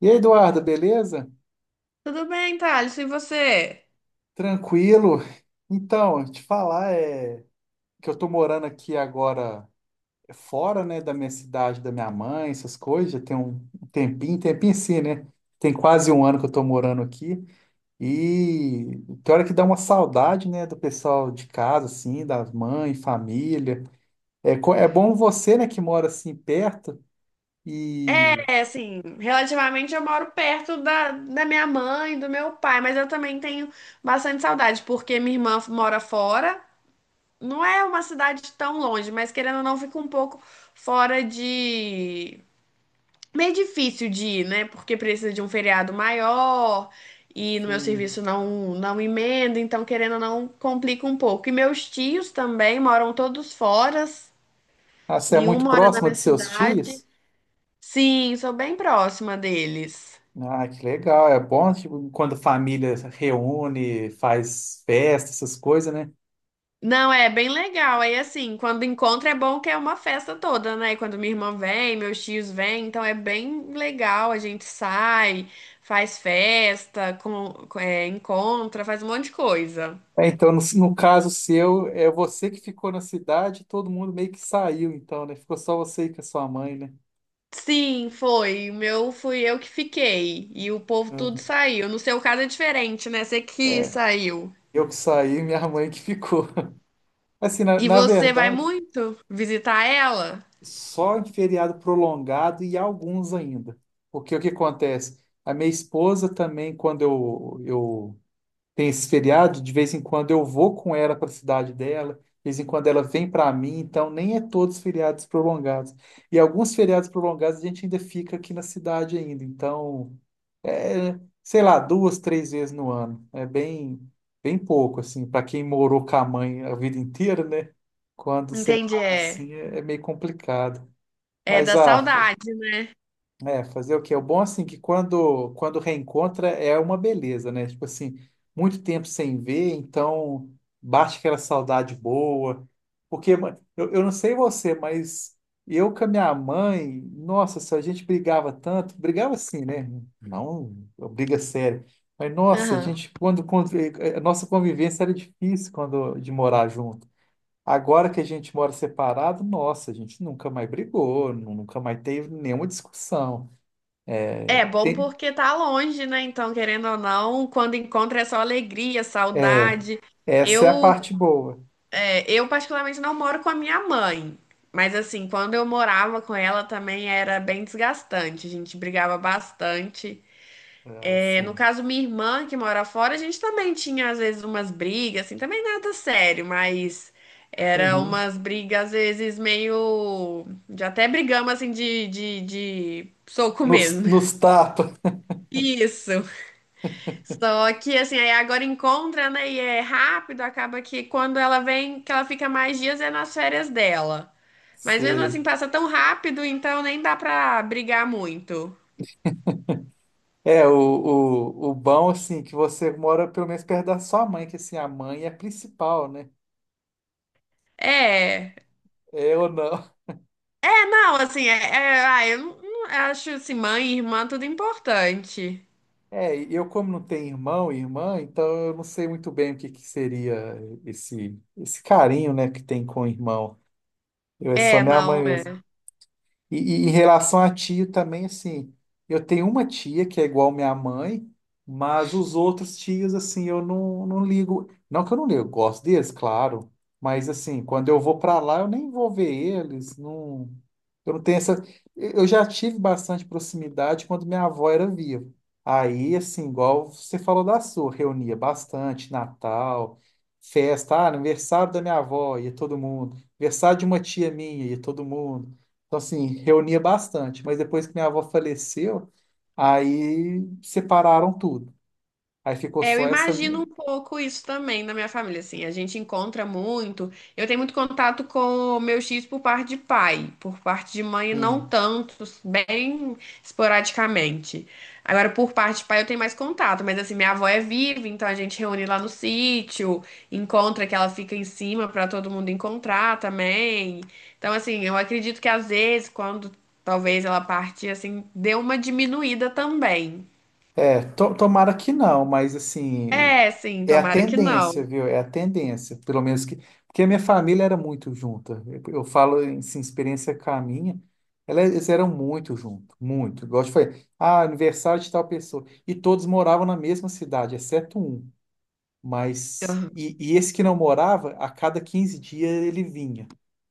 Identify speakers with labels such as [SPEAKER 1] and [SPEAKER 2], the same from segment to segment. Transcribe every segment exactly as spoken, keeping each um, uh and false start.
[SPEAKER 1] E aí, Eduardo, beleza?
[SPEAKER 2] Tudo bem, Thales, e você?
[SPEAKER 1] Tranquilo? Então, te falar é que eu tô morando aqui agora fora, né, da minha cidade, da minha mãe, essas coisas, já tem um tempinho, tempinho sim, né? Tem quase um ano que eu tô morando aqui e tem hora que dá uma saudade, né, do pessoal de casa, assim, da mãe, família. É, co- é bom você, né, que mora assim perto e,
[SPEAKER 2] É, assim, relativamente eu moro perto da, da minha mãe, e do meu pai, mas eu também tenho bastante saudade, porque minha irmã mora fora. Não é uma cidade tão longe, mas querendo ou não, fica um pouco fora de. Meio difícil de ir, né? Porque precisa de um feriado maior e no meu
[SPEAKER 1] sim.
[SPEAKER 2] serviço não, não emenda, então querendo ou não, complica um pouco. E meus tios também moram todos fora,
[SPEAKER 1] Ah, você é
[SPEAKER 2] nenhum
[SPEAKER 1] muito
[SPEAKER 2] mora na
[SPEAKER 1] próxima
[SPEAKER 2] minha
[SPEAKER 1] dos seus
[SPEAKER 2] cidade.
[SPEAKER 1] tios?
[SPEAKER 2] Sim, sou bem próxima deles.
[SPEAKER 1] Ah, que legal. É bom, tipo, quando família reúne, faz festa, essas coisas, né?
[SPEAKER 2] Não, é bem legal. Aí, assim, quando encontra é bom que é uma festa toda, né? Quando minha irmã vem, meus tios vêm, então é bem legal. A gente sai, faz festa, com, com- é, encontra, faz um monte de coisa.
[SPEAKER 1] É, então, no, no caso seu, é você que ficou na cidade, todo mundo meio que saiu, então, né? Ficou só você e com a sua mãe, né?
[SPEAKER 2] Sim, foi. O meu fui eu que fiquei. E o povo tudo saiu. No seu caso é diferente, né? Você que
[SPEAKER 1] É,
[SPEAKER 2] saiu.
[SPEAKER 1] eu que saí, minha mãe que ficou. Assim, na,
[SPEAKER 2] E
[SPEAKER 1] na
[SPEAKER 2] você vai
[SPEAKER 1] verdade,
[SPEAKER 2] muito visitar ela?
[SPEAKER 1] só em feriado prolongado e alguns ainda. Porque o que acontece? A minha esposa também, quando eu, eu tem esse feriado, de vez em quando eu vou com ela para a cidade dela, de vez em quando ela vem para mim, então nem é todos feriados prolongados. E alguns feriados prolongados a gente ainda fica aqui na cidade ainda, então é, sei lá, duas, três vezes no ano. É bem bem pouco assim, para quem morou com a mãe a vida inteira, né? Quando
[SPEAKER 2] Entendi,
[SPEAKER 1] separa
[SPEAKER 2] é.
[SPEAKER 1] assim é, é meio complicado.
[SPEAKER 2] É
[SPEAKER 1] Mas
[SPEAKER 2] da
[SPEAKER 1] ah,
[SPEAKER 2] saudade, né?
[SPEAKER 1] é, fazer o quê? O bom, assim, que quando, quando reencontra é uma beleza, né? Tipo assim, muito tempo sem ver, então bate aquela saudade boa. Porque ma- eu, eu não sei você, mas eu com a minha mãe, nossa, se a gente brigava tanto, brigava assim, né? Não, briga séria. Mas, nossa, a
[SPEAKER 2] Aham.
[SPEAKER 1] gente, quando, quando, eh, eh, a nossa convivência era difícil quando de morar junto. Agora que a gente mora separado, nossa, a gente nunca mais brigou, nu- nunca mais teve nenhuma discussão.
[SPEAKER 2] É bom
[SPEAKER 1] Tem-
[SPEAKER 2] porque tá longe, né? Então, querendo ou não, quando encontra é só alegria,
[SPEAKER 1] é,
[SPEAKER 2] saudade.
[SPEAKER 1] essa é a
[SPEAKER 2] Eu,
[SPEAKER 1] parte boa.
[SPEAKER 2] é, eu particularmente não moro com a minha mãe, mas assim, quando eu morava com ela também era bem desgastante. A gente brigava bastante.
[SPEAKER 1] É,
[SPEAKER 2] É, no
[SPEAKER 1] assim.
[SPEAKER 2] caso, minha irmã que mora fora, a gente também tinha às vezes umas brigas, assim, também nada sério, mas era
[SPEAKER 1] Uhum.
[SPEAKER 2] umas brigas às vezes meio, já até brigamos assim de, de, de soco
[SPEAKER 1] Nos,
[SPEAKER 2] mesmo.
[SPEAKER 1] nos tapa.
[SPEAKER 2] Isso. Só que assim, aí agora encontra, né? E é rápido, acaba que quando ela vem, que ela fica mais dias é nas férias dela. Mas mesmo
[SPEAKER 1] Sei.
[SPEAKER 2] assim passa tão rápido, então nem dá pra brigar muito.
[SPEAKER 1] É, o, o, o bom, assim, que você mora pelo menos perto da sua mãe, que assim, a mãe é a principal, né?
[SPEAKER 2] É.
[SPEAKER 1] É ou não?
[SPEAKER 2] É, não, assim, é, é- ah, eu não, não- acho assim, mãe e irmã tudo importante.
[SPEAKER 1] É, e eu como não tenho irmão e irmã, então eu não sei muito bem o que que seria esse, esse carinho, né, que tem com o irmão. Eu é só
[SPEAKER 2] É,
[SPEAKER 1] minha mãe
[SPEAKER 2] não.
[SPEAKER 1] mesmo.
[SPEAKER 2] É.
[SPEAKER 1] E, e em relação a tio também, assim, eu tenho uma tia que é igual minha mãe, mas os outros tios, assim, eu não, não ligo. Não que eu não ligo, eu gosto deles, claro, mas, assim, quando eu vou para lá, eu nem vou ver eles, não, eu não tenho essa. Eu já tive bastante proximidade quando minha avó era viva. Aí, assim, igual você falou da sua, reunia bastante, Natal, festa, ah, aniversário da minha avó, ia todo mundo, aniversário de uma tia minha, ia todo mundo. Então, assim, reunia bastante, mas depois que minha avó faleceu, aí separaram tudo. Aí ficou
[SPEAKER 2] É, eu
[SPEAKER 1] só essa.
[SPEAKER 2] imagino
[SPEAKER 1] Me-
[SPEAKER 2] um pouco isso também na minha família, assim, a gente encontra muito. Eu tenho muito contato com meus tios por parte de pai, por parte de mãe
[SPEAKER 1] assim,
[SPEAKER 2] não tanto, bem esporadicamente. Agora, por parte de pai eu tenho mais contato, mas assim, minha avó é viva, então a gente reúne lá no sítio, encontra que ela fica em cima para todo mundo encontrar também. Então, assim, eu acredito que às vezes, quando talvez ela partir, assim, deu uma diminuída também.
[SPEAKER 1] é, to- tomara que não, mas assim,
[SPEAKER 2] É, sim,
[SPEAKER 1] é a
[SPEAKER 2] tomara que
[SPEAKER 1] tendência,
[SPEAKER 2] não.
[SPEAKER 1] viu? É a tendência, pelo menos que. Porque a minha família era muito junta. Eu, eu falo em assim, experiência com a minha, ela- eles eram muito juntos, muito. Igual eu te falei, ah, aniversário de tal pessoa. E todos moravam na mesma cidade, exceto um. Mas, e, e esse que não morava, a cada quinze dias ele vinha.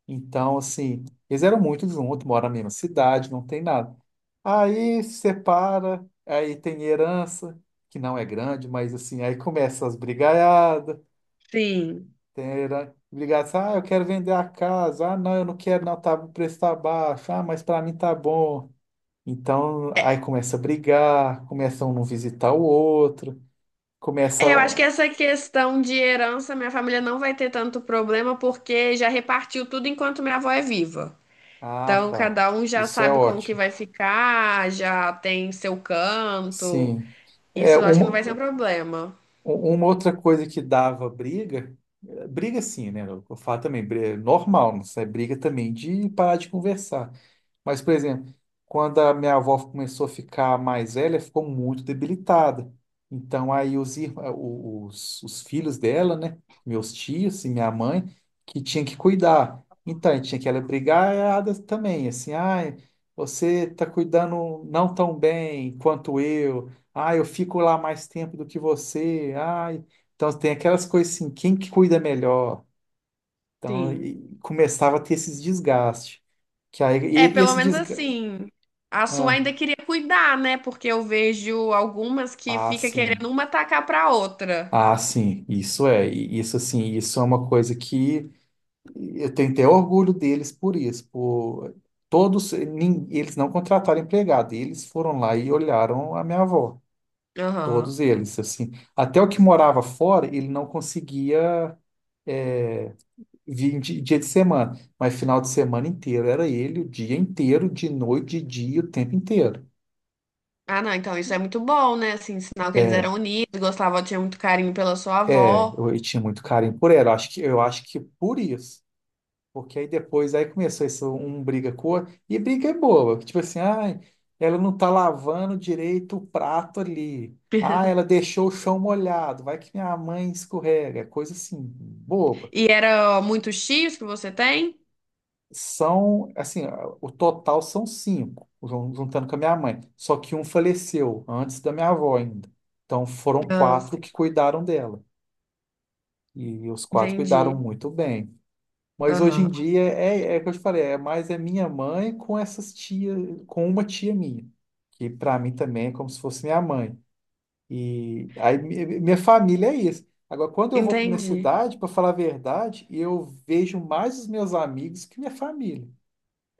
[SPEAKER 1] Então, assim, eles eram muito juntos, moram na mesma cidade, não tem nada. Aí se separa, aí tem herança, que não é grande, mas assim, aí começa as brigaiadas,
[SPEAKER 2] Sim.
[SPEAKER 1] tem herança, brigada, assim, ah, eu quero vender a casa, ah, não, eu não quero, não, tá, o preço tá baixo, ah, mas para mim tá bom. Então, aí começa a brigar, começa um não visitar o outro, começa.
[SPEAKER 2] É, eu acho que essa questão de herança, minha família não vai ter tanto problema porque já repartiu tudo enquanto minha avó é viva.
[SPEAKER 1] Ah,
[SPEAKER 2] Então,
[SPEAKER 1] tá.
[SPEAKER 2] cada um já
[SPEAKER 1] Isso é
[SPEAKER 2] sabe como que
[SPEAKER 1] ótimo.
[SPEAKER 2] vai ficar, já tem seu canto.
[SPEAKER 1] Sim. É
[SPEAKER 2] Isso eu acho que não vai ser um
[SPEAKER 1] uma,
[SPEAKER 2] problema.
[SPEAKER 1] uma outra coisa que dava briga, eh, briga sim, né? Eu falo também, bri- é normal, não é briga também de parar de conversar. Mas, por exemplo, quando a minha avó começou a ficar mais velha, ficou muito debilitada. Então, aí os, ir- eh, o- os, os filhos dela, né? Meus tios e minha mãe, que tinha que cuidar. Então, tinha que ela brigar ela também, assim, ai, você tá cuidando não tão bem quanto eu. Ah, eu fico lá mais tempo do que você. Ai, então tem aquelas coisas assim, quem que cuida melhor? Então,
[SPEAKER 2] Sim.
[SPEAKER 1] e- começava a ter esses desgastes que aí,
[SPEAKER 2] É,
[SPEAKER 1] e- e
[SPEAKER 2] pelo
[SPEAKER 1] esse
[SPEAKER 2] menos assim. A sua
[SPEAKER 1] ah,
[SPEAKER 2] ainda queria cuidar, né? Porque eu vejo algumas que
[SPEAKER 1] ah,
[SPEAKER 2] fica querendo
[SPEAKER 1] sim.
[SPEAKER 2] uma atacar pra outra.
[SPEAKER 1] Ah, sim. Isso é. E isso, assim, isso é uma coisa que eu tenho até orgulho deles por isso, por todos, nin- eles não contrataram empregado, eles foram lá e olharam a minha avó. Todos
[SPEAKER 2] Aham.
[SPEAKER 1] eles, assim. Até o que morava fora, ele não conseguia é, vir de- dia de semana, mas final de semana inteiro era ele, o dia inteiro, de noite, de dia, o tempo inteiro.
[SPEAKER 2] Ah, não, então isso é muito bom, né? Assim, sinal que eles
[SPEAKER 1] É,
[SPEAKER 2] eram unidos, gostavam, tinha muito carinho pela sua
[SPEAKER 1] é,
[SPEAKER 2] avó.
[SPEAKER 1] eu, eu tinha muito carinho por ela. Acho que, eu acho que por isso. Porque aí depois, aí começou isso, um um briga com o outro, e briga é boa, que tipo assim, ai, ela não tá lavando direito o prato ali. Ah, ela deixou o chão molhado, vai que minha mãe escorrega. É coisa assim, boba.
[SPEAKER 2] E era muitos tios que você tem?
[SPEAKER 1] São, assim, o total são cinco, jun- juntando com a minha mãe. Só que um faleceu antes da minha avó ainda. Então foram
[SPEAKER 2] Ah,
[SPEAKER 1] quatro
[SPEAKER 2] sim.
[SPEAKER 1] que cuidaram dela. E os quatro
[SPEAKER 2] Entendi.
[SPEAKER 1] cuidaram muito bem. Mas hoje em
[SPEAKER 2] Aham.
[SPEAKER 1] dia é, é é o que eu te falei, é mais é minha mãe com essas tias, com uma tia minha, que para mim também é como se fosse minha mãe. E aí mi- minha família é isso. Agora, quando eu vou para minha
[SPEAKER 2] Entendi.
[SPEAKER 1] cidade, para falar a verdade, eu vejo mais os meus amigos que minha família.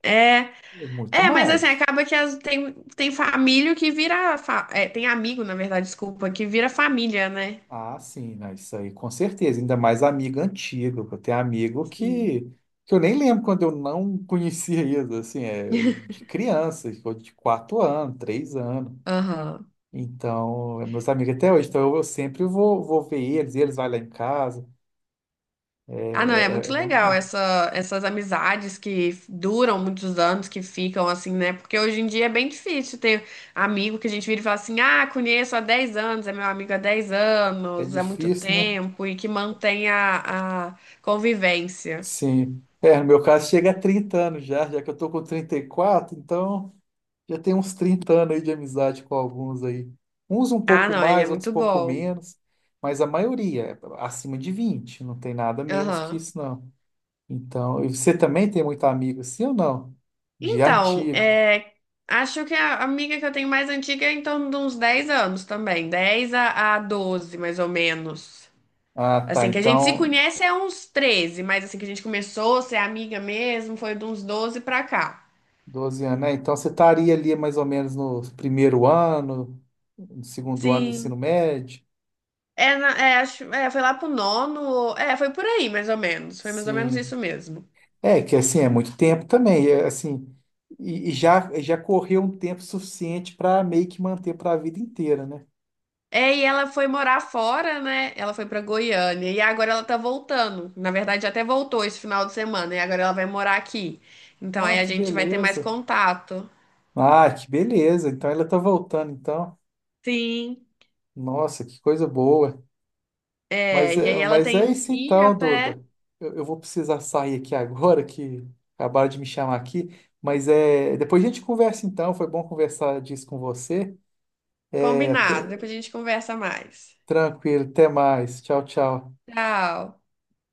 [SPEAKER 2] É,
[SPEAKER 1] É muito
[SPEAKER 2] é, mas assim,
[SPEAKER 1] mais.
[SPEAKER 2] acaba que as- tem, tem família que vira. fa- é, tem amigo, na verdade, desculpa, que vira família, né?
[SPEAKER 1] Ah, sim, né? Isso aí, com certeza. Ainda mais amigo antigo, que eu tenho amigo
[SPEAKER 2] Sim.
[SPEAKER 1] que, que eu nem lembro quando eu não conhecia isso, assim, é, de criança, de quatro anos, três anos.
[SPEAKER 2] Aham.
[SPEAKER 1] Então, é meus amigos até hoje, então eu, eu sempre vou, vou ver eles, eles vão lá em casa, é,
[SPEAKER 2] Ah, não, é
[SPEAKER 1] é, é é
[SPEAKER 2] muito
[SPEAKER 1] bom
[SPEAKER 2] legal
[SPEAKER 1] demais.
[SPEAKER 2] essa, essas amizades que duram muitos anos, que ficam assim, né? Porque hoje em dia é bem difícil ter amigo que a gente vira e fala assim: ah, conheço há dez anos, é meu amigo há dez
[SPEAKER 1] É
[SPEAKER 2] anos, há muito
[SPEAKER 1] difícil, né?
[SPEAKER 2] tempo, e que mantém a, a convivência.
[SPEAKER 1] Sim. É, no meu caso chega a trinta anos já, já que eu tô com trinta e quatro então já tem uns trinta anos aí de amizade com alguns aí. Uns um
[SPEAKER 2] Ah,
[SPEAKER 1] pouco
[SPEAKER 2] não, aí é
[SPEAKER 1] mais, outros um
[SPEAKER 2] muito
[SPEAKER 1] pouco
[SPEAKER 2] bom.
[SPEAKER 1] menos, mas a maioria é acima de vinte não tem nada menos que
[SPEAKER 2] Aham.
[SPEAKER 1] isso não. Então, e você também tem muito amigo assim ou não? De
[SPEAKER 2] Então,
[SPEAKER 1] antigo.
[SPEAKER 2] é, acho que a amiga que eu tenho mais antiga é em torno de uns dez anos também, dez a, a doze, mais ou menos.
[SPEAKER 1] Ah, tá,
[SPEAKER 2] Assim, que a gente se
[SPEAKER 1] então...
[SPEAKER 2] conhece é uns treze mas assim que a gente começou a ser amiga mesmo, foi de uns doze pra cá.
[SPEAKER 1] doze anos, né? Então você estaria ali mais ou menos no primeiro ano, no segundo ano do
[SPEAKER 2] Sim.
[SPEAKER 1] ensino médio.
[SPEAKER 2] É, na- é, acho, é, foi lá pro nono, ou- é, foi por aí mais ou menos, foi mais ou menos
[SPEAKER 1] Sim.
[SPEAKER 2] isso mesmo.
[SPEAKER 1] É, que assim, é muito tempo também, é, assim, e, e já, já correu um tempo suficiente para meio que manter para a vida inteira, né?
[SPEAKER 2] É, e ela foi morar fora, né? Ela foi pra Goiânia e agora ela tá voltando. Na verdade, até voltou esse final de semana e agora ela vai morar aqui. Então
[SPEAKER 1] Ó,
[SPEAKER 2] aí a
[SPEAKER 1] que
[SPEAKER 2] gente vai ter mais
[SPEAKER 1] beleza.
[SPEAKER 2] contato.
[SPEAKER 1] Ah, que beleza. Então ela tá voltando, então.
[SPEAKER 2] Sim.
[SPEAKER 1] Nossa, que coisa boa.
[SPEAKER 2] É,
[SPEAKER 1] Mas
[SPEAKER 2] e aí
[SPEAKER 1] é,
[SPEAKER 2] ela
[SPEAKER 1] mas
[SPEAKER 2] tem
[SPEAKER 1] é
[SPEAKER 2] um
[SPEAKER 1] isso
[SPEAKER 2] filho
[SPEAKER 1] então,
[SPEAKER 2] até
[SPEAKER 1] Duda. Eu, eu vou precisar sair aqui agora, que acabaram de me chamar aqui. Mas é, depois a gente conversa então. Foi bom conversar disso com você. é
[SPEAKER 2] combinado,
[SPEAKER 1] até-
[SPEAKER 2] depois a gente conversa mais.
[SPEAKER 1] Tranquilo, até mais. Tchau, tchau.
[SPEAKER 2] Tchau.